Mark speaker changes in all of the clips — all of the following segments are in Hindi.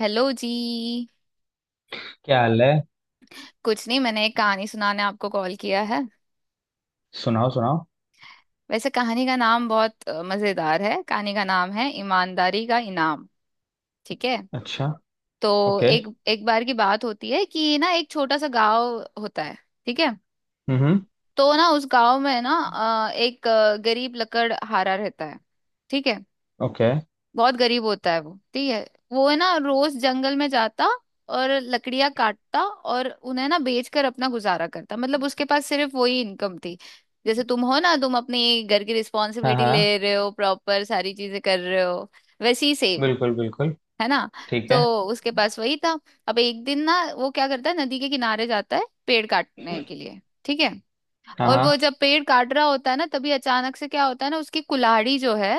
Speaker 1: हेलो जी।
Speaker 2: क्या हाल है?
Speaker 1: कुछ नहीं, मैंने एक कहानी सुनाने आपको कॉल किया है।
Speaker 2: सुनाओ सुनाओ।
Speaker 1: वैसे कहानी का नाम बहुत मजेदार है। कहानी का नाम है ईमानदारी का इनाम। ठीक है?
Speaker 2: अच्छा।
Speaker 1: तो
Speaker 2: ओके।
Speaker 1: एक एक बार की बात होती है कि ना, एक छोटा सा गांव होता है। ठीक है?
Speaker 2: हम्म।
Speaker 1: तो ना, उस गांव में ना एक गरीब लकड़हारा रहता है। ठीक है?
Speaker 2: ओके।
Speaker 1: बहुत गरीब होता है वो, ठीक है? वो है ना, रोज जंगल में जाता और लकड़ियां काटता और उन्हें ना बेचकर अपना गुजारा करता। मतलब उसके पास सिर्फ वही इनकम थी। जैसे तुम हो ना, तुम अपने घर की
Speaker 2: हाँ
Speaker 1: रिस्पॉन्सिबिलिटी
Speaker 2: हाँ,
Speaker 1: ले रहे हो, प्रॉपर सारी चीजें कर रहे हो, वैसे ही सेम।
Speaker 2: बिल्कुल बिल्कुल।
Speaker 1: है ना?
Speaker 2: ठीक
Speaker 1: तो
Speaker 2: है।
Speaker 1: उसके पास वही था। अब एक दिन ना, वो क्या करता है, नदी के किनारे जाता है पेड़ काटने के लिए। ठीक है?
Speaker 2: हाँ
Speaker 1: और
Speaker 2: हाँ।
Speaker 1: वो जब पेड़ काट रहा होता है ना, तभी अचानक से क्या होता है ना, उसकी कुल्हाड़ी जो है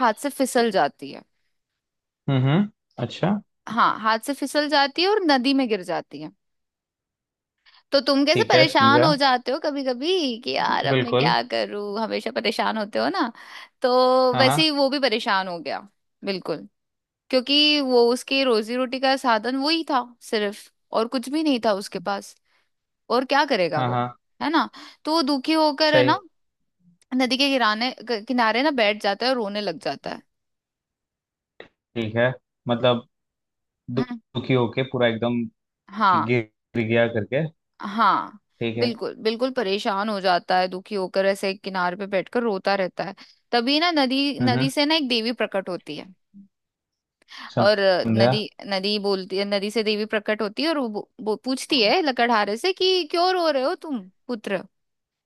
Speaker 1: हाथ से फिसल जाती है।
Speaker 2: हम्म। अच्छा।
Speaker 1: हाँ, हाथ से फिसल जाती है और नदी में गिर जाती है। तो तुम कैसे
Speaker 2: ठीक है,
Speaker 1: परेशान
Speaker 2: समझा।
Speaker 1: हो जाते हो कभी कभी कि यार अब मैं
Speaker 2: बिल्कुल।
Speaker 1: क्या करूं, हमेशा परेशान होते हो ना? तो
Speaker 2: हाँ
Speaker 1: वैसे ही
Speaker 2: हाँ।
Speaker 1: वो भी परेशान हो गया। बिल्कुल। क्योंकि वो उसकी रोजी रोटी का साधन वही था सिर्फ, और कुछ भी नहीं था उसके पास। और क्या करेगा
Speaker 2: हाँ
Speaker 1: वो,
Speaker 2: हाँ।
Speaker 1: है ना? तो वो दुखी होकर, है
Speaker 2: सही।
Speaker 1: ना, नदी के किराने किनारे ना बैठ जाता है और रोने लग जाता है।
Speaker 2: ठीक है। मतलब दु-
Speaker 1: हम्म,
Speaker 2: दुखी होके पूरा एकदम, कि
Speaker 1: हाँ,
Speaker 2: गिर गिर गया करके।
Speaker 1: हाँ।
Speaker 2: ठीक है।
Speaker 1: बिल्कुल बिल्कुल परेशान हो जाता है, दुखी होकर ऐसे एक किनारे पे बैठकर रोता रहता है। तभी ना नदी नदी
Speaker 2: हम्म,
Speaker 1: से ना एक देवी प्रकट होती है। और
Speaker 2: समझा।
Speaker 1: नदी नदी बोलती है, नदी से देवी प्रकट होती है और वो पूछती है लकड़हारे से कि क्यों रो रहे हो तुम पुत्र,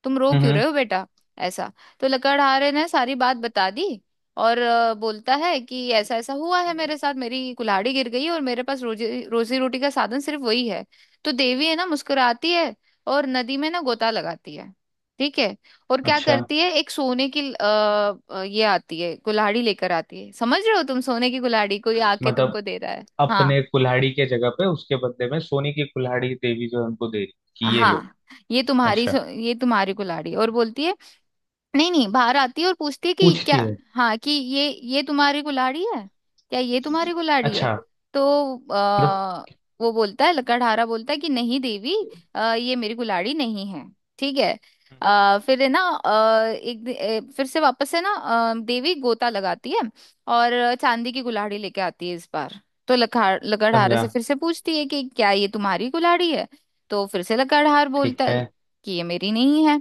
Speaker 1: तुम रो क्यों
Speaker 2: हम्म।
Speaker 1: रहे हो बेटा, ऐसा। तो लकड़हारे ने सारी बात बता दी। और बोलता है कि ऐसा ऐसा हुआ है मेरे साथ, मेरी कुल्हाड़ी गिर गई और मेरे पास रोजी रोजी रोटी का साधन सिर्फ वही है। तो देवी है ना, मुस्कुराती है और नदी में ना गोता लगाती है। ठीक है? और क्या
Speaker 2: अच्छा।
Speaker 1: करती है, एक सोने की ये आती है, कुल्हाड़ी लेकर आती है। समझ रहे हो तुम? सोने की कुल्हाड़ी कोई आके
Speaker 2: मतलब
Speaker 1: तुमको दे रहा है। हाँ,
Speaker 2: अपने कुल्हाड़ी के जगह पे उसके बदले में सोने की कुल्हाड़ी देवी जो है उनको दे रही कि ये लो।
Speaker 1: हाँ, ये तुम्हारी
Speaker 2: अच्छा।
Speaker 1: ये तुम्हारी कुल्हाड़ी, और बोलती है, नहीं नहीं, बाहर आती है और पूछती है कि क्या,
Speaker 2: पूछती है।
Speaker 1: हाँ, कि ये तुम्हारी कुल्हाड़ी है, क्या ये तुम्हारी कुल्हाड़ी है?
Speaker 2: अच्छा।
Speaker 1: तो वो बोलता है, लकड़हारा बोलता है कि नहीं देवी, ये मेरी कुल्हाड़ी नहीं है। ठीक है?
Speaker 2: मतलब
Speaker 1: फिर है ना आ, एक दि- ए, फिर से वापस है ना देवी गोता लगाती है और चांदी की कुल्हाड़ी लेके आती है इस बार। तो लखार लकड़हारे
Speaker 2: समझा।
Speaker 1: से फिर से पूछती है कि क्या ये तुम्हारी कुल्हाड़ी है? तो फिर से लकड़हार
Speaker 2: ठीक
Speaker 1: बोलता है
Speaker 2: है।
Speaker 1: कि ये मेरी नहीं है।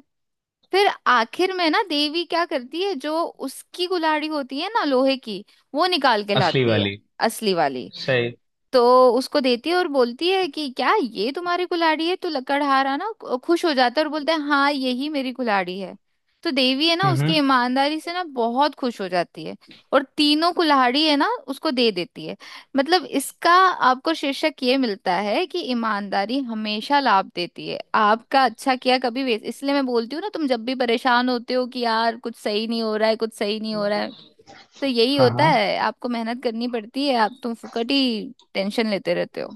Speaker 1: फिर आखिर में ना देवी क्या करती है, जो उसकी कुल्हाड़ी होती है ना लोहे की, वो निकाल के
Speaker 2: असली
Speaker 1: लाती है।
Speaker 2: वाली।
Speaker 1: असली वाली।
Speaker 2: सही।
Speaker 1: तो उसको देती है और बोलती है कि क्या ये तुम्हारी कुल्हाड़ी है। तो लकड़हारा ना खुश हो जाता है और बोलता है हाँ, यही मेरी कुल्हाड़ी है। तो देवी है ना,
Speaker 2: हम्म
Speaker 1: उसकी
Speaker 2: हम्म,
Speaker 1: ईमानदारी से ना बहुत खुश हो जाती है और तीनों कुल्हाड़ी है ना उसको दे देती है। मतलब इसका आपको शीर्षक ये मिलता है कि ईमानदारी हमेशा लाभ देती है, आपका अच्छा किया कभी वेस्ट। इसलिए मैं बोलती हूँ ना, तुम जब भी परेशान होते हो कि यार कुछ सही नहीं हो रहा है, कुछ सही नहीं हो रहा है, तो यही
Speaker 2: हाँ
Speaker 1: होता
Speaker 2: हाँ।
Speaker 1: है, आपको मेहनत करनी पड़ती है। आप तुम फुकट ही टेंशन लेते रहते हो।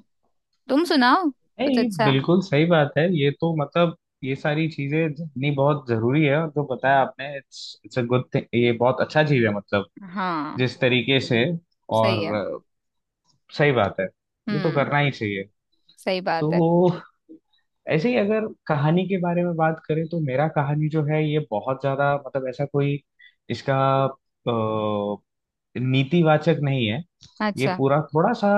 Speaker 1: तुम सुनाओ कुछ
Speaker 2: नहीं,
Speaker 1: अच्छा।
Speaker 2: बिल्कुल सही बात है ये तो, मतलब ये सारी चीजें जाननी बहुत जरूरी है, और जो बताया आपने it's it's a good thing, ये बहुत अच्छा चीज है, मतलब
Speaker 1: हाँ,
Speaker 2: जिस तरीके से।
Speaker 1: सही
Speaker 2: और
Speaker 1: है।
Speaker 2: सही बात है। ये तो
Speaker 1: हम्म।
Speaker 2: करना ही चाहिए।
Speaker 1: सही बात है।
Speaker 2: तो ऐसे ही अगर कहानी के बारे में बात करें तो मेरा कहानी जो है ये बहुत ज्यादा, मतलब ऐसा कोई इसका नीतिवाचक नहीं है। ये
Speaker 1: अच्छा।
Speaker 2: पूरा थोड़ा सा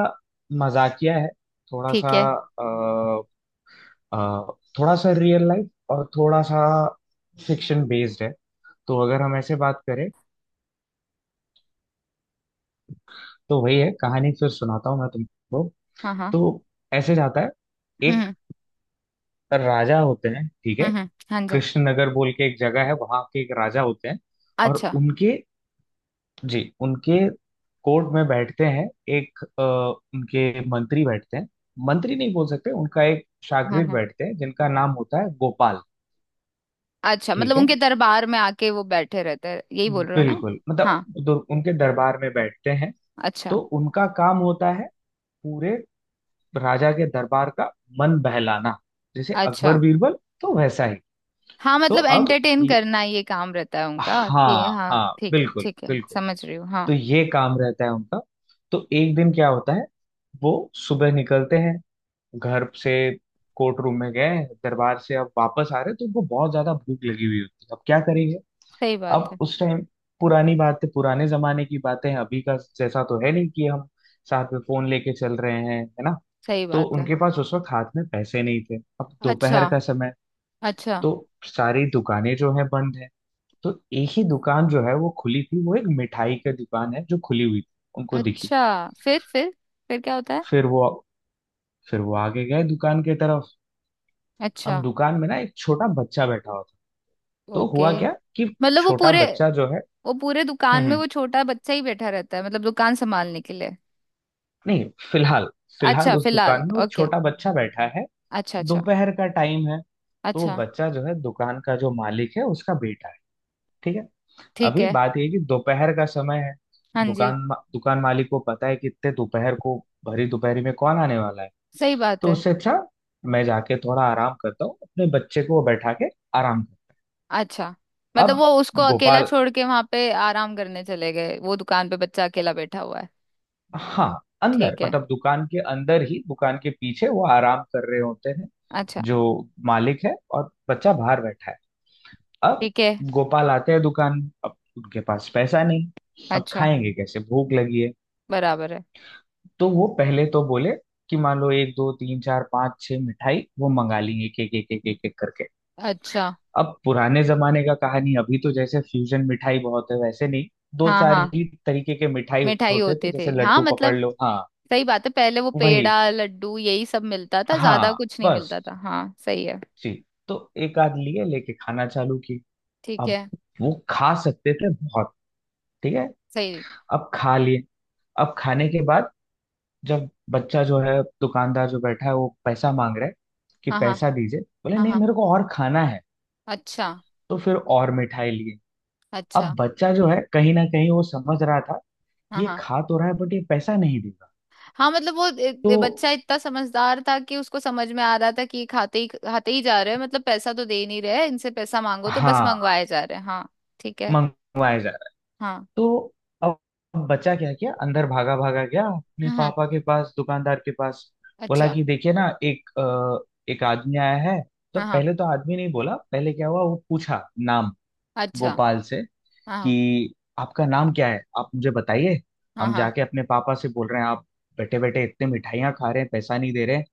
Speaker 2: मजाकिया है, थोड़ा सा,
Speaker 1: ठीक है।
Speaker 2: अ, अ, थोड़ा सा रियल लाइफ और थोड़ा सा फिक्शन बेस्ड है। तो अगर हम ऐसे बात करें, तो वही है, कहानी फिर सुनाता हूँ मैं तुमको।
Speaker 1: हाँ, हाँ।
Speaker 2: तो ऐसे जाता है। एक
Speaker 1: हम्म
Speaker 2: राजा होते हैं, ठीक है।
Speaker 1: हम्म। हाँ जी।
Speaker 2: कृष्णनगर बोल के एक जगह है, वहां के एक राजा होते हैं। और
Speaker 1: अच्छा।
Speaker 2: उनके, जी उनके कोर्ट में बैठते हैं एक, उनके मंत्री बैठते हैं, मंत्री नहीं बोल सकते, उनका एक
Speaker 1: हाँ,
Speaker 2: शागिर्द
Speaker 1: हाँ।
Speaker 2: बैठते हैं जिनका नाम होता है गोपाल।
Speaker 1: अच्छा, मतलब
Speaker 2: ठीक है,
Speaker 1: उनके दरबार में आके वो बैठे रहते हैं, यही बोल रहे हो ना?
Speaker 2: बिल्कुल, मतलब
Speaker 1: हाँ।
Speaker 2: उनके दरबार में बैठते हैं।
Speaker 1: अच्छा,
Speaker 2: तो उनका काम होता है पूरे राजा के दरबार का मन बहलाना, जैसे
Speaker 1: अच्छा।
Speaker 2: अकबर बीरबल, तो वैसा ही।
Speaker 1: हाँ,
Speaker 2: तो
Speaker 1: मतलब
Speaker 2: अब
Speaker 1: एंटरटेन करना ये काम रहता है उनका कि,
Speaker 2: हाँ
Speaker 1: हाँ
Speaker 2: हाँ,
Speaker 1: ठीक है
Speaker 2: बिल्कुल
Speaker 1: ठीक है,
Speaker 2: बिल्कुल,
Speaker 1: समझ रही हूँ, हाँ।
Speaker 2: तो ये काम रहता है उनका। तो एक दिन क्या होता है, वो सुबह निकलते हैं घर से, कोर्ट रूम में गए, दरबार से अब वापस आ रहे तो उनको बहुत ज्यादा भूख लगी हुई होती है, अब क्या करेंगे।
Speaker 1: सही बात
Speaker 2: अब
Speaker 1: है।
Speaker 2: उस टाइम, पुरानी बातें, पुराने जमाने की बातें हैं, अभी का जैसा तो है नहीं कि हम साथ में फोन लेके चल रहे हैं, है ना।
Speaker 1: सही
Speaker 2: तो
Speaker 1: बात है।
Speaker 2: उनके पास उस वक्त हाथ में पैसे नहीं थे, अब
Speaker 1: अच्छा।
Speaker 2: दोपहर का समय,
Speaker 1: अच्छा।
Speaker 2: तो सारी दुकानें जो है बंद है, तो एक ही दुकान जो है वो खुली थी, वो एक मिठाई की दुकान है जो खुली हुई थी, उनको दिखी।
Speaker 1: अच्छा, फिर? फिर क्या होता है?
Speaker 2: फिर वो फिर वो आगे गए दुकान की तरफ। अब
Speaker 1: अच्छा।
Speaker 2: दुकान में ना एक छोटा बच्चा बैठा हुआ, तो हुआ
Speaker 1: ओके,
Speaker 2: क्या कि
Speaker 1: मतलब वो
Speaker 2: छोटा
Speaker 1: पूरे,
Speaker 2: बच्चा जो है,
Speaker 1: वो पूरे
Speaker 2: हम्म
Speaker 1: दुकान में
Speaker 2: हम्म,
Speaker 1: वो छोटा बच्चा ही बैठा रहता है, मतलब दुकान संभालने के लिए?
Speaker 2: नहीं, फिलहाल फिलहाल
Speaker 1: अच्छा,
Speaker 2: उस दुकान
Speaker 1: फिलहाल,
Speaker 2: में वो
Speaker 1: ओके।
Speaker 2: छोटा बच्चा बैठा है,
Speaker 1: अच्छा, अच्छा।
Speaker 2: दोपहर का टाइम है। तो वो
Speaker 1: अच्छा।
Speaker 2: बच्चा जो है दुकान का जो मालिक है उसका बेटा है, ठीक है।
Speaker 1: ठीक
Speaker 2: अभी
Speaker 1: है।
Speaker 2: बात ये है कि दोपहर का समय है,
Speaker 1: हाँ जी।
Speaker 2: दुकान मालिक को पता है कि इतने दोपहर को, भरी दोपहरी में, कौन आने वाला है।
Speaker 1: सही बात
Speaker 2: तो
Speaker 1: है।
Speaker 2: उससे अच्छा मैं जाके थोड़ा आराम करता हूँ अपने बच्चे को बैठा के, आराम कर।
Speaker 1: अच्छा, मतलब
Speaker 2: अब
Speaker 1: वो उसको अकेला
Speaker 2: गोपाल,
Speaker 1: छोड़ के वहां पे आराम करने चले गए, वो दुकान पे बच्चा अकेला बैठा हुआ है।
Speaker 2: हाँ, अंदर
Speaker 1: ठीक है।
Speaker 2: मतलब दुकान के अंदर ही दुकान के पीछे वो आराम कर रहे होते हैं
Speaker 1: अच्छा।
Speaker 2: जो मालिक है, और बच्चा बाहर बैठा है। अब
Speaker 1: ठीक है।
Speaker 2: गोपाल आते हैं दुकान में, अब उनके पास पैसा नहीं, अब
Speaker 1: अच्छा।
Speaker 2: खाएंगे कैसे, भूख लगी है।
Speaker 1: बराबर है।
Speaker 2: तो वो पहले तो बोले कि मान लो एक दो तीन चार पाँच छह मिठाई वो मंगा लेंगे, एक एक एक एक एक एक करके।
Speaker 1: अच्छा।
Speaker 2: अब पुराने जमाने का कहानी, अभी तो जैसे फ्यूजन मिठाई बहुत है वैसे नहीं, दो
Speaker 1: हाँ,
Speaker 2: चार
Speaker 1: हाँ,
Speaker 2: ही तरीके के मिठाई
Speaker 1: मिठाई
Speaker 2: होते थे,
Speaker 1: होते थे,
Speaker 2: जैसे
Speaker 1: हाँ,
Speaker 2: लड्डू पकड़
Speaker 1: मतलब।
Speaker 2: लो। हाँ,
Speaker 1: सही बात है, पहले वो
Speaker 2: वही,
Speaker 1: पेड़ा लड्डू यही सब मिलता था, ज्यादा
Speaker 2: हाँ
Speaker 1: कुछ नहीं मिलता
Speaker 2: बस।
Speaker 1: था, हाँ सही है।
Speaker 2: जी, तो एक आध लिए लेके खाना चालू की।
Speaker 1: ठीक
Speaker 2: अब
Speaker 1: है।
Speaker 2: वो खा सकते थे बहुत, ठीक है।
Speaker 1: सही।
Speaker 2: अब खा लिए, अब खाने के बाद जब बच्चा जो है दुकानदार जो बैठा है वो पैसा मांग रहा है, कि
Speaker 1: हाँ, हाँ।
Speaker 2: पैसा दीजिए, बोले
Speaker 1: हाँ,
Speaker 2: नहीं,
Speaker 1: हाँ।
Speaker 2: मेरे को और खाना है।
Speaker 1: अच्छा,
Speaker 2: तो फिर और मिठाई लिए। अब
Speaker 1: अच्छा।
Speaker 2: बच्चा जो है कहीं ना कहीं वो समझ रहा था कि
Speaker 1: हाँ,
Speaker 2: ये
Speaker 1: हाँ,
Speaker 2: खा तो रहा है बट ये पैसा नहीं देगा।
Speaker 1: हाँ, मतलब वो
Speaker 2: तो
Speaker 1: बच्चा इतना समझदार था कि उसको समझ में आ रहा था कि ये खाते ही जा रहे हैं, मतलब पैसा तो दे नहीं रहे, इनसे पैसा मांगो तो बस
Speaker 2: हाँ,
Speaker 1: मंगवाए जा रहे हैं। हाँ। ठीक है।
Speaker 2: मंगवाया जाए।
Speaker 1: हाँ।
Speaker 2: तो अब, बचा क्या क्या अंदर भागा भागा गया अपने
Speaker 1: हम्म।
Speaker 2: पापा के पास, दुकानदार के पास, बोला
Speaker 1: अच्छा।
Speaker 2: कि देखिए ना एक, एक आदमी आया है। तो
Speaker 1: हाँ, हाँ।
Speaker 2: पहले तो आदमी नहीं बोला, पहले क्या हुआ वो पूछा नाम,
Speaker 1: अच्छा।
Speaker 2: गोपाल से,
Speaker 1: हाँ,
Speaker 2: कि आपका नाम क्या है, आप मुझे बताइए,
Speaker 1: हाँ,
Speaker 2: हम
Speaker 1: हाँ।
Speaker 2: जाके अपने पापा से बोल रहे हैं, आप बैठे बैठे इतने मिठाइयाँ खा रहे हैं, पैसा नहीं दे रहे हैं।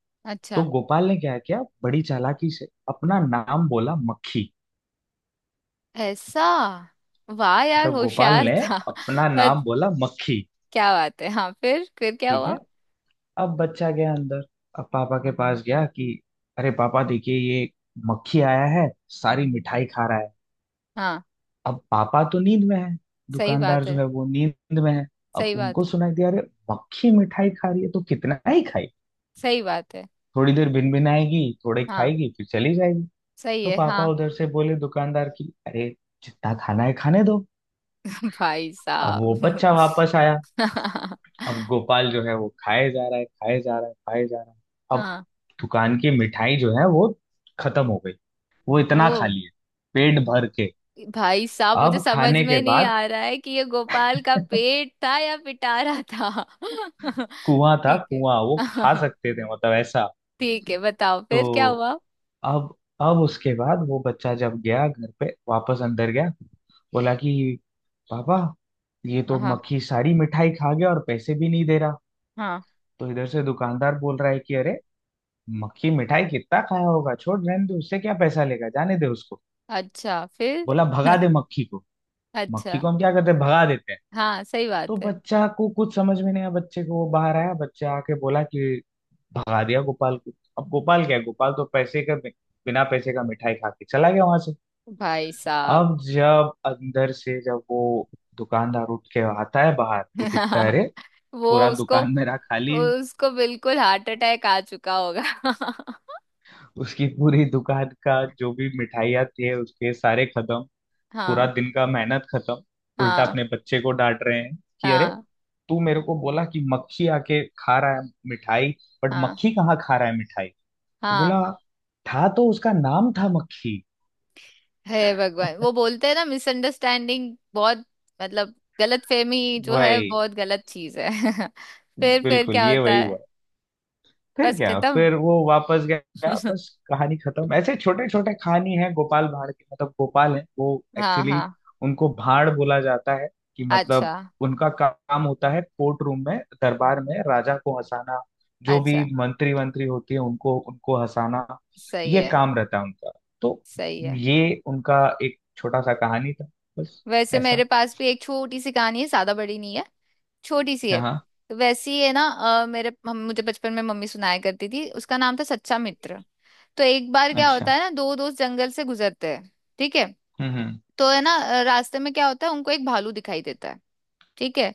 Speaker 2: तो
Speaker 1: अच्छा।
Speaker 2: गोपाल ने क्या किया, बड़ी चालाकी से अपना नाम बोला मक्खी।
Speaker 1: ऐसा? वाह, यार
Speaker 2: तो गोपाल
Speaker 1: होशियार
Speaker 2: ने
Speaker 1: था।
Speaker 2: अपना नाम
Speaker 1: बस!
Speaker 2: बोला मक्खी।
Speaker 1: क्या बात है, हाँ, फिर क्या
Speaker 2: ठीक है।
Speaker 1: हुआ?
Speaker 2: अब बच्चा गया अंदर, अब पापा के पास गया कि अरे पापा देखिए, ये मक्खी आया है, सारी मिठाई खा रहा है।
Speaker 1: हाँ।
Speaker 2: अब पापा तो नींद में है,
Speaker 1: सही
Speaker 2: दुकानदार
Speaker 1: बात
Speaker 2: जो
Speaker 1: है।
Speaker 2: है वो नींद में है। अब
Speaker 1: सही बात
Speaker 2: उनको
Speaker 1: है।
Speaker 2: सुनाई दिया, अरे मक्खी मिठाई खा रही है तो कितना ही खाई,
Speaker 1: सही बात है।
Speaker 2: थोड़ी देर भिनभिनाएगी, थोड़े
Speaker 1: हाँ,
Speaker 2: खाएगी, फिर चली जाएगी।
Speaker 1: सही
Speaker 2: तो
Speaker 1: है। हाँ।
Speaker 2: पापा उधर से बोले दुकानदार की, अरे जितना खाना है खाने दो।
Speaker 1: भाई
Speaker 2: अब वो
Speaker 1: साहब।
Speaker 2: बच्चा वापस आया। अब गोपाल जो है वो खाए जा रहा है, खाए जा रहा है, खाए जा रहा है। अब
Speaker 1: हाँ।
Speaker 2: दुकान की मिठाई जो है वो खत्म हो गई। वो इतना खा
Speaker 1: ओ!
Speaker 2: लिए, पेट भर के।
Speaker 1: भाई साहब, मुझे
Speaker 2: अब
Speaker 1: समझ
Speaker 2: खाने के
Speaker 1: में नहीं
Speaker 2: बाद,
Speaker 1: आ रहा है कि ये गोपाल का पेट था या पिटारा था।
Speaker 2: कुआं था,
Speaker 1: ठीक है।
Speaker 2: कुआं, वो खा सकते थे, मतलब ऐसा।
Speaker 1: ठीक है, बताओ फिर क्या
Speaker 2: तो
Speaker 1: हुआ।
Speaker 2: अब, उसके बाद वो बच्चा जब गया घर पे वापस, अंदर गया, बोला कि पापा, ये तो
Speaker 1: हाँ,
Speaker 2: मक्खी सारी मिठाई खा गया और पैसे भी नहीं दे रहा।
Speaker 1: हाँ।
Speaker 2: तो इधर से दुकानदार बोल रहा है कि अरे, मक्खी मिठाई कितना खाया होगा, छोड़, रहने दे, उससे क्या पैसा लेगा, जाने दे उसको,
Speaker 1: अच्छा, फिर?
Speaker 2: बोला भगा दे मक्खी को।
Speaker 1: अच्छा।
Speaker 2: मक्खी को हम क्या करते हैं, भगा देते हैं।
Speaker 1: हाँ, सही
Speaker 2: तो
Speaker 1: बात है।
Speaker 2: बच्चा को कुछ समझ में नहीं आया, बच्चे को वो बाहर आया, बच्चा आके बोला कि भगा दिया गोपाल को। अब गोपाल क्या है, गोपाल तो पैसे का, बिना पैसे का मिठाई खा के चला गया वहां से।
Speaker 1: भाई साहब।
Speaker 2: अब जब अंदर से जब वो दुकानदार उठ के आता है बाहर, वो दिखता है, अरे
Speaker 1: वो
Speaker 2: पूरा
Speaker 1: उसको,
Speaker 2: दुकान मेरा खाली है।
Speaker 1: उसको बिल्कुल हार्ट अटैक आ चुका होगा।
Speaker 2: उसकी पूरी दुकान का जो भी मिठाइयाँ थे उसके सारे खत्म, पूरा
Speaker 1: हाँ।
Speaker 2: दिन का मेहनत खत्म। उल्टा
Speaker 1: हाँ।
Speaker 2: अपने बच्चे को डांट रहे हैं कि अरे,
Speaker 1: हाँ।
Speaker 2: तू मेरे को बोला कि मक्खी आके खा रहा है मिठाई, बट
Speaker 1: हाँ।
Speaker 2: मक्खी कहाँ खा रहा है मिठाई। तो
Speaker 1: हाँ।
Speaker 2: बोला, था तो उसका नाम था मक्खी।
Speaker 1: हे भगवान, वो बोलते हैं ना मिसअंडरस्टैंडिंग बहुत, मतलब गलतफहमी जो है
Speaker 2: वही,
Speaker 1: बहुत गलत चीज है। फिर
Speaker 2: बिल्कुल,
Speaker 1: क्या
Speaker 2: ये
Speaker 1: होता
Speaker 2: वही
Speaker 1: है?
Speaker 2: हुआ। फिर
Speaker 1: बस
Speaker 2: क्या,
Speaker 1: खत्म?
Speaker 2: फिर वो वापस गया, बस कहानी खत्म। ऐसे छोटे छोटे कहानी है गोपाल भाड़ की, मतलब गोपाल है वो,
Speaker 1: हाँ,
Speaker 2: एक्चुअली
Speaker 1: हाँ।
Speaker 2: उनको भाड़ बोला जाता है, कि
Speaker 1: अच्छा,
Speaker 2: मतलब उनका काम होता है कोर्ट रूम में दरबार में राजा को हंसाना, जो भी
Speaker 1: अच्छा।
Speaker 2: मंत्री वंत्री होती है उनको उनको हंसाना,
Speaker 1: सही
Speaker 2: ये
Speaker 1: है।
Speaker 2: काम रहता है उनका। तो
Speaker 1: सही है।
Speaker 2: ये उनका एक छोटा सा कहानी था, बस।
Speaker 1: वैसे
Speaker 2: ऐसा,
Speaker 1: मेरे पास भी एक छोटी सी कहानी है, ज्यादा बड़ी नहीं है, छोटी सी है।
Speaker 2: हाँ।
Speaker 1: तो वैसी है ना मेरे मुझे बचपन में मम्मी सुनाया करती थी, उसका नाम था सच्चा मित्र। तो एक बार क्या
Speaker 2: अच्छा।
Speaker 1: होता है ना, दो दोस्त जंगल से गुजरते हैं। ठीक है?
Speaker 2: हम्म हम्म,
Speaker 1: तो है ना रास्ते में क्या होता है, उनको एक भालू दिखाई देता है। ठीक है?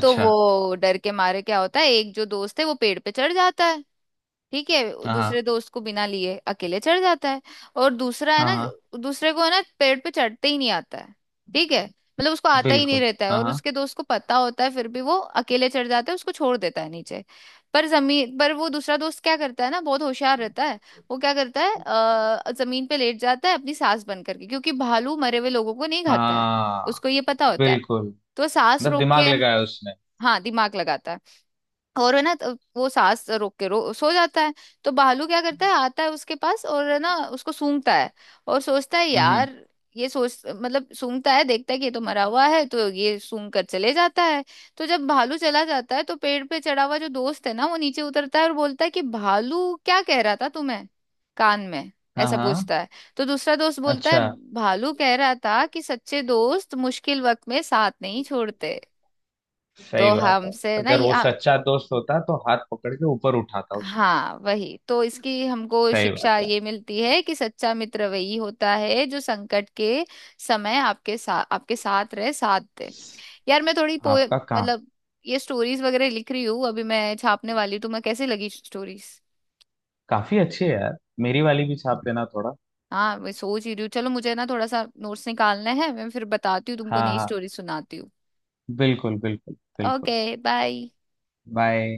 Speaker 1: तो वो डर के मारे क्या होता है, एक जो दोस्त है वो पेड़ पे चढ़ जाता है। ठीक है,
Speaker 2: हाँ
Speaker 1: दूसरे
Speaker 2: हाँ,
Speaker 1: दोस्त को बिना लिए अकेले चढ़ जाता है। और दूसरा है
Speaker 2: हाँ
Speaker 1: ना,
Speaker 2: हाँ,
Speaker 1: दूसरे को है ना पेड़ पे चढ़ते ही नहीं आता है। ठीक है? मतलब उसको आता ही नहीं
Speaker 2: बिल्कुल।
Speaker 1: रहता है,
Speaker 2: हाँ
Speaker 1: और
Speaker 2: हाँ
Speaker 1: उसके दोस्त को पता होता है फिर भी वो अकेले चढ़ जाता है, उसको छोड़ देता है नीचे। पर जमीन पर वो दूसरा दोस्त क्या करता है ना, बहुत होशियार रहता है। वो क्या करता है, जमीन पे लेट जाता है अपनी सांस बंद करके, क्योंकि भालू मरे हुए लोगों को नहीं खाता है,
Speaker 2: हाँ,
Speaker 1: उसको ये पता होता है।
Speaker 2: बिल्कुल,
Speaker 1: तो वो सांस
Speaker 2: मतलब
Speaker 1: रोक
Speaker 2: दिमाग
Speaker 1: के,
Speaker 2: लगाया उसने।
Speaker 1: हाँ दिमाग लगाता है, और है ना तो वो सांस रोक के रो सो जाता है। तो भालू क्या करता है, आता है उसके पास और है ना उसको सूंघता है और सोचता है
Speaker 2: हम्म।
Speaker 1: यार, ये सोच मतलब सूंघता है, देखता है कि ये तो मरा हुआ है, तो ये सूंघ कर चले जाता है। तो जब भालू चला जाता है, तो पेड़ पे चढ़ा हुआ जो दोस्त है ना वो नीचे उतरता है और बोलता है कि भालू क्या कह रहा था तुम्हें कान में,
Speaker 2: हाँ
Speaker 1: ऐसा
Speaker 2: हाँ।
Speaker 1: पूछता है। तो दूसरा दोस्त बोलता है,
Speaker 2: अच्छा,
Speaker 1: भालू कह रहा था कि सच्चे दोस्त मुश्किल वक्त में साथ नहीं छोड़ते।
Speaker 2: सही
Speaker 1: तो
Speaker 2: बात है।
Speaker 1: हमसे ना,
Speaker 2: अगर वो सच्चा दोस्त होता तो हाथ पकड़ के ऊपर उठाता उसको।
Speaker 1: हाँ वही, तो इसकी हमको
Speaker 2: सही बात
Speaker 1: शिक्षा
Speaker 2: है।
Speaker 1: ये मिलती है कि सच्चा मित्र वही होता है जो संकट के समय आपके साथ रहे, साथ दे। यार मैं थोड़ी पोए
Speaker 2: आपका काम
Speaker 1: मतलब ये स्टोरीज वगैरह लिख रही हूँ, अभी मैं छापने वाली, तो मैं कैसे लगी स्टोरीज?
Speaker 2: काफी अच्छे है यार, मेरी वाली भी छाप देना थोड़ा।
Speaker 1: हाँ मैं सोच ही रही हूँ। चलो मुझे ना थोड़ा सा नोट्स निकालना है, मैं फिर बताती हूँ तुमको,
Speaker 2: हाँ
Speaker 1: नई
Speaker 2: हाँ,
Speaker 1: स्टोरी सुनाती हूँ।
Speaker 2: बिल्कुल बिल्कुल बिल्कुल।
Speaker 1: Okay, bye.
Speaker 2: बाय।